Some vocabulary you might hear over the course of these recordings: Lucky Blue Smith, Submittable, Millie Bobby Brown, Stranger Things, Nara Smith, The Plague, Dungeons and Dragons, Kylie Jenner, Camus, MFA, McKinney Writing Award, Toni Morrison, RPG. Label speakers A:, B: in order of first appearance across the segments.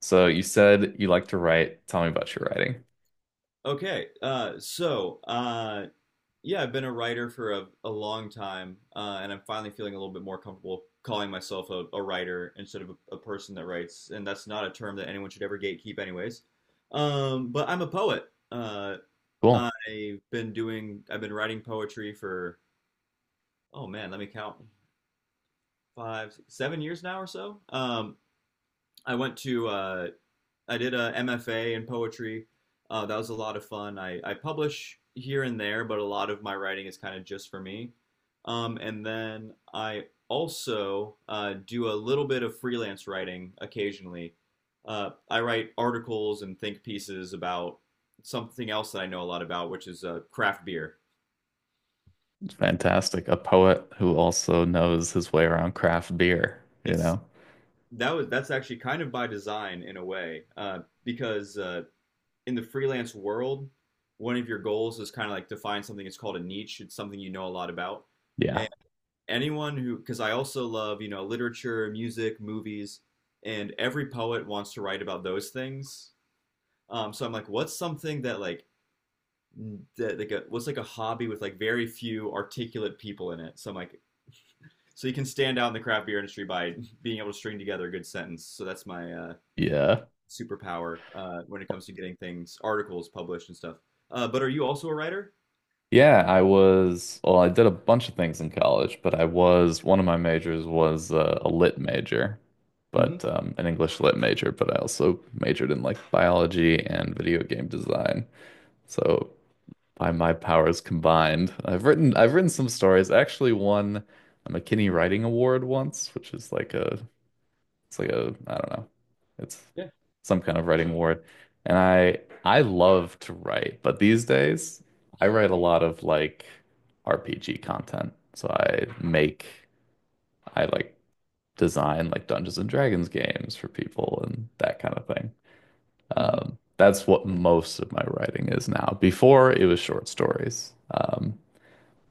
A: So you said you like to write. Tell me about your writing.
B: Okay, I've been a writer for a long time, and I'm finally feeling a little bit more comfortable calling myself a writer instead of a person that writes, and that's not a term that anyone should ever gatekeep, anyways. But I'm a poet. Uh,
A: Cool.
B: I've been writing poetry for, oh man, let me count, 7 years now or so. I went to I did a MFA in poetry. That was a lot of fun. I publish here and there, but a lot of my writing is kind of just for me. And then I also do a little bit of freelance writing occasionally. I write articles and think pieces about something else that I know a lot about, which is craft beer.
A: Fantastic. A poet who also knows his way around craft beer, you
B: It's
A: know?
B: that was That's actually kind of by design in a way, because in the freelance world, one of your goals is kind of like to find something. It's called a niche. It's something you know a lot about.
A: Yeah.
B: And anyone who, because I also love, you know, literature, music, movies, and every poet wants to write about those things. So I'm like, what's something that what's like a hobby with like very few articulate people in it? So I'm like, so you can stand out in the craft beer industry by being able to string together a good sentence. So that's my
A: Yeah.
B: superpower when it comes to getting things, articles published and stuff. But are you also a writer?
A: Yeah, I was, well, I did a bunch of things in college, but I was, one of my majors was a lit major,
B: Hmm.
A: but an English lit major, but I also majored in like biology and video game design. So by my powers combined. I've written some stories. I actually won a McKinney Writing Award once, which is like a it's like a I don't know. It's
B: Yeah.
A: some kind of writing award. And I love to write, but these days I write a lot of like RPG content. So I make I like design like Dungeons and Dragons games for people and that kind of thing.
B: Hmm.
A: That's what most of my writing is now. Before it was short stories.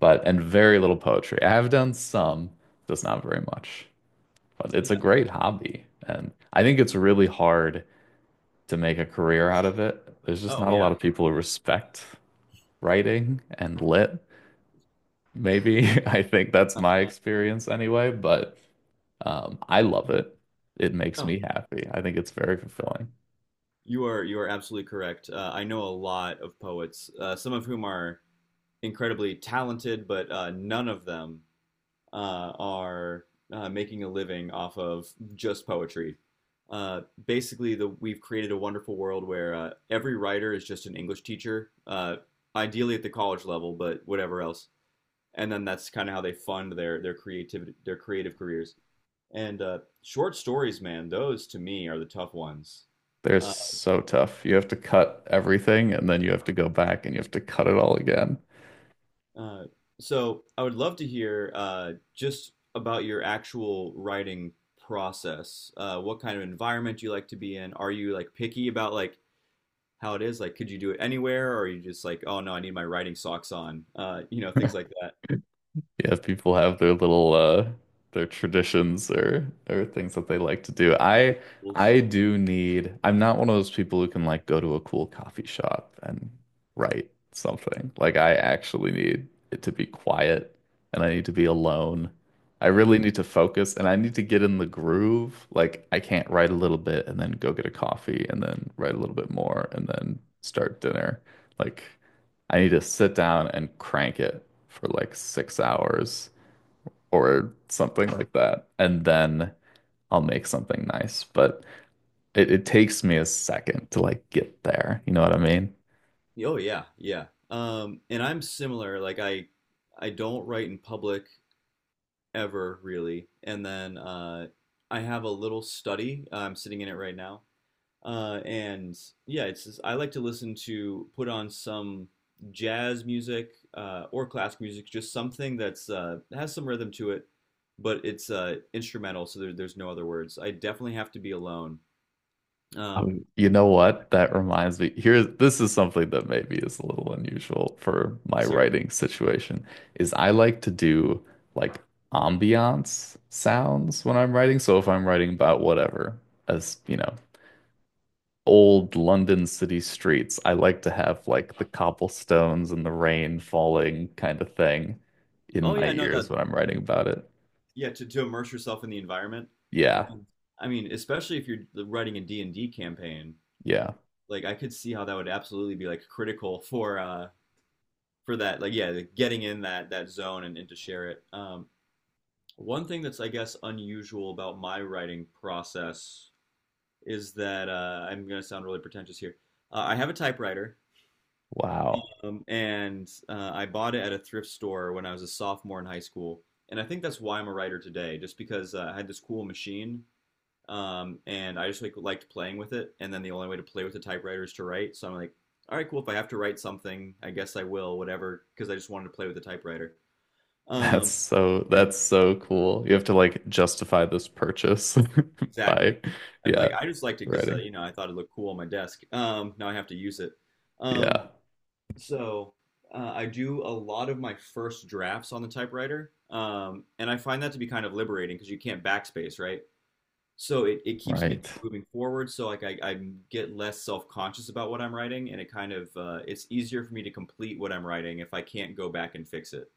A: But and very little poetry. I have done some, just not very much. But it's a
B: Yeah.
A: great hobby, and I think it's really hard to make a career out of it. There's just
B: Oh,
A: not a
B: yeah.
A: lot of people who respect writing and lit. Maybe I think that's my
B: Uh,
A: experience anyway, but I love it. It makes
B: Oh,
A: me happy. I think it's very fulfilling.
B: you are absolutely correct. I know a lot of poets, some of whom are incredibly talented, but none of them are making a living off of just poetry. Basically, the we've created a wonderful world where every writer is just an English teacher, ideally at the college level, but whatever else. And then that's kind of how they fund their creativity, their creative careers. And short stories, man, those to me are the tough ones.
A: They're
B: Uh,
A: so tough. You have to cut everything and then you have to go back and you have to cut it all again.
B: uh, so I would love to hear just about your actual writing process. What kind of environment you like to be in? Are you like picky about like how it is? Like, could you do it anywhere, or are you just like, oh no, I need my writing socks on? Things like that.
A: Yeah, people have their little their traditions or things that they like to do.
B: Rules.
A: I do need I'm not one of those people who can like go to a cool coffee shop and write something. Like I actually need it to be quiet and I need to be alone. I really need to focus and I need to get in the groove. Like I can't write a little bit and then go get a coffee and then write a little bit more and then start dinner. Like I need to sit down and crank it for like 6 hours or something like that. And then I'll make something nice. But it takes me a second to like get there. You know what I mean?
B: Oh yeah, yeah. And I'm similar. I don't write in public ever really. And then I have a little study. I'm sitting in it right now. And yeah, I like to listen to put on some jazz music or classic music, just something that's has some rhythm to it, but it's instrumental, so there's no other words. I definitely have to be alone. Um,
A: You know what? That reminds me. Here, this is something that maybe is a little unusual for my
B: let's hear it.
A: writing situation, is I like to do like ambiance sounds when I'm writing. So if I'm writing about whatever, as you know, old London city streets, I like to have like the cobblestones and the rain falling kind of thing in
B: Oh
A: my
B: yeah, no,
A: ears
B: no,
A: when I'm writing about it.
B: yeah, to immerse yourself in the environment.
A: Yeah.
B: And I mean, especially if you're writing a D and D campaign,
A: Yeah.
B: like I could see how that would absolutely be like critical for that, like, yeah, like, getting in that zone, and to share it. One thing that's, I guess, unusual about my writing process is that I'm going to sound really pretentious here. I have a typewriter,
A: Wow.
B: and I bought it at a thrift store when I was a sophomore in high school, and I think that's why I'm a writer today, just because I had this cool machine. And I just liked playing with it. And then the only way to play with a typewriter is to write. So I'm like, all right, cool. If I have to write something, I guess I will, whatever, because I just wanted to play with the typewriter.
A: That's
B: Um,
A: so
B: and
A: that's so cool. You have to like justify this purchase
B: Exactly,
A: by
B: and like
A: yeah,
B: I just liked it because,
A: writing.
B: you know, I thought it looked cool on my desk. Now I have to use it. Um,
A: Yeah.
B: so I do a lot of my first drafts on the typewriter, and I find that to be kind of liberating because you can't backspace, right? So it keeps me
A: Right.
B: moving forward. So I get less self-conscious about what I'm writing, and it kind of it's easier for me to complete what I'm writing if I can't go back and fix it.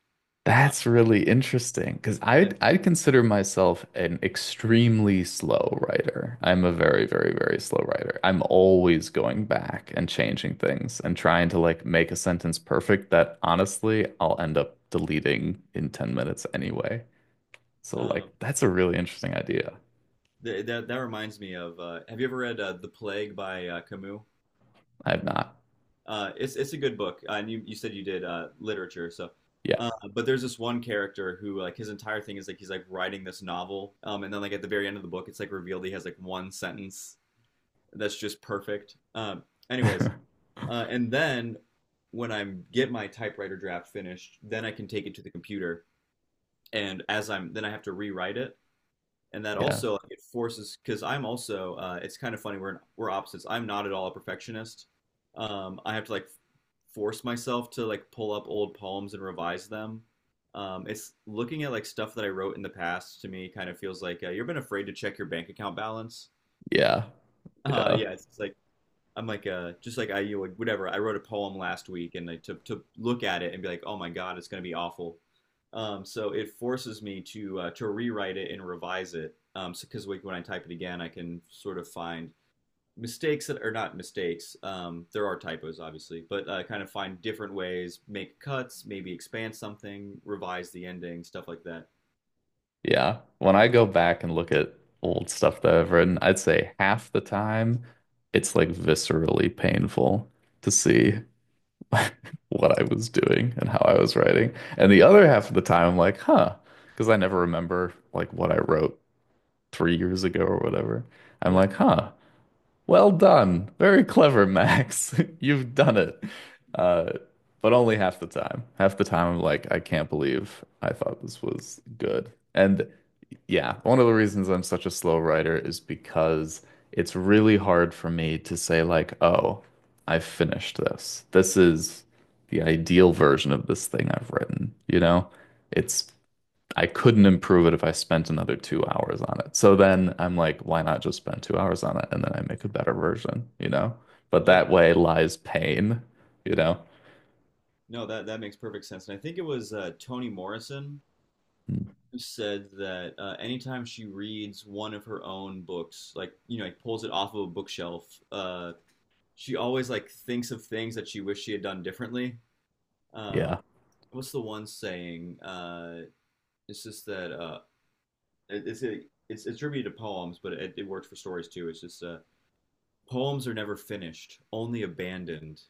B: Uh,
A: That's really interesting because
B: and
A: I'd consider myself an extremely slow writer. I'm a very, very, very slow writer. I'm always going back and changing things and trying to like make a sentence perfect that honestly I'll end up deleting in 10 minutes anyway. So
B: um,
A: like that's a really interesting idea.
B: th that That reminds me of, have you ever read The Plague by Camus?
A: I've not.
B: It's a good book, and you said you did literature, so.
A: Yeah.
B: But there's this one character who, like, his entire thing is like he's like writing this novel, and then like at the very end of the book, it's like revealed he has like one sentence that's just perfect. Anyways. And then when I get my typewriter draft finished, then I can take it to the computer. Then I have to rewrite it. And that
A: Yeah.
B: also like, it forces, because I'm also, it's kind of funny, we're opposites. I'm not at all a perfectionist. I have to like force myself to like pull up old poems and revise them. It's looking at like stuff that I wrote in the past to me kind of feels like, you've been afraid to check your bank account balance.
A: Yeah. Yeah.
B: Yeah, it's like I'm like, just like I, you would, whatever, I wrote a poem last week and like to look at it and be like, oh my god, it's gonna be awful. So it forces me to, to rewrite it and revise it, so because like when I type it again I can sort of find mistakes that are not mistakes. There are typos obviously, but kind of find different ways, make cuts, maybe expand something, revise the ending, stuff like that.
A: Yeah. When I go back and look at old stuff that I've written, I'd say half the time it's like viscerally painful to see what I was doing and how I was writing. And the other half of the time I'm like, huh, because I never remember like what I wrote 3 years ago or whatever. I'm
B: Yeah,
A: like, huh, well done. Very clever, Max. You've done it. Uh, but only half the time. Half the time I'm like, I can't believe I thought this was good. And yeah, one of the reasons I'm such a slow writer is because it's really hard for me to say like, "Oh, I've finished this. This is the ideal version of this thing I've written." You know? It's I couldn't improve it if I spent another 2 hours on it. So then I'm like, why not just spend 2 hours on it and then I make a better version, you know? But
B: yeah.
A: that way lies pain, you know?
B: No, that makes perfect sense, and I think it was, Toni Morrison
A: Mm,
B: said that, anytime she reads one of her own books, like, you know, like pulls it off of a bookshelf, uh, she always like thinks of things that she wished she had done differently. Um,
A: yeah.
B: what's the one saying? It's just that uh, it- it's a, it's attributed to poems, but it works for stories too. It's just, poems are never finished, only abandoned.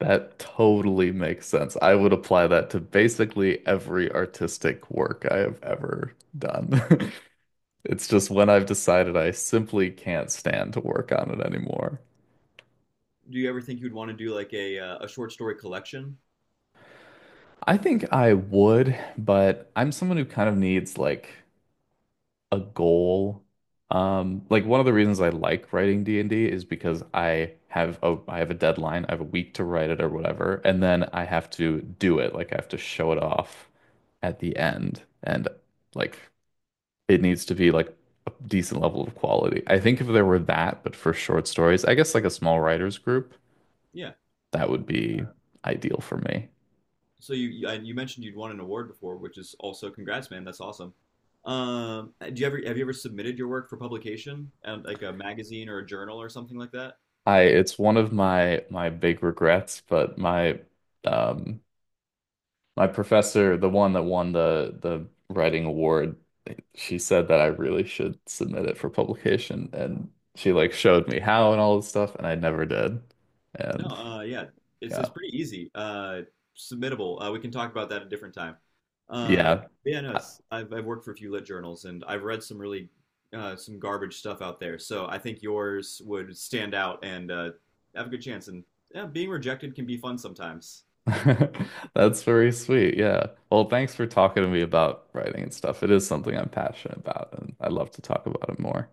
A: That totally makes sense. I would apply that to basically every artistic work I have ever done. It's just when I've decided I simply can't stand to work on it anymore.
B: Do you ever think you'd want to do like a short story collection?
A: I think I would, but I'm someone who kind of needs like a goal. Like one of the reasons I like writing D&D is because I have a deadline, I have a week to write it or whatever, and then I have to do it. Like I have to show it off at the end. And like it needs to be like a decent level of quality. I think if there were that, but for short stories, I guess like a small writers group,
B: Yeah.
A: that would be ideal for me.
B: So you you- Mentioned you'd won an award before, which is also congrats, man. That's awesome. Do you ever Have you ever submitted your work for publication and like a magazine or a journal or something like that?
A: I it's one of my big regrets, but my um my professor, the one that won the writing award, she said that I really should submit it for publication and she like showed me how and all this stuff and I never did.
B: No,
A: And
B: yeah,
A: yeah.
B: it's pretty easy. Submittable. We can talk about that a different time. Uh,
A: Yeah.
B: yeah, no, it's, I've worked for a few lit journals and I've read some really, some garbage stuff out there. So I think yours would stand out and have a good chance. And yeah, being rejected can be fun sometimes.
A: That's very sweet. Yeah. Well, thanks for talking to me about writing and stuff. It is something I'm passionate about, and I'd love to talk about it more.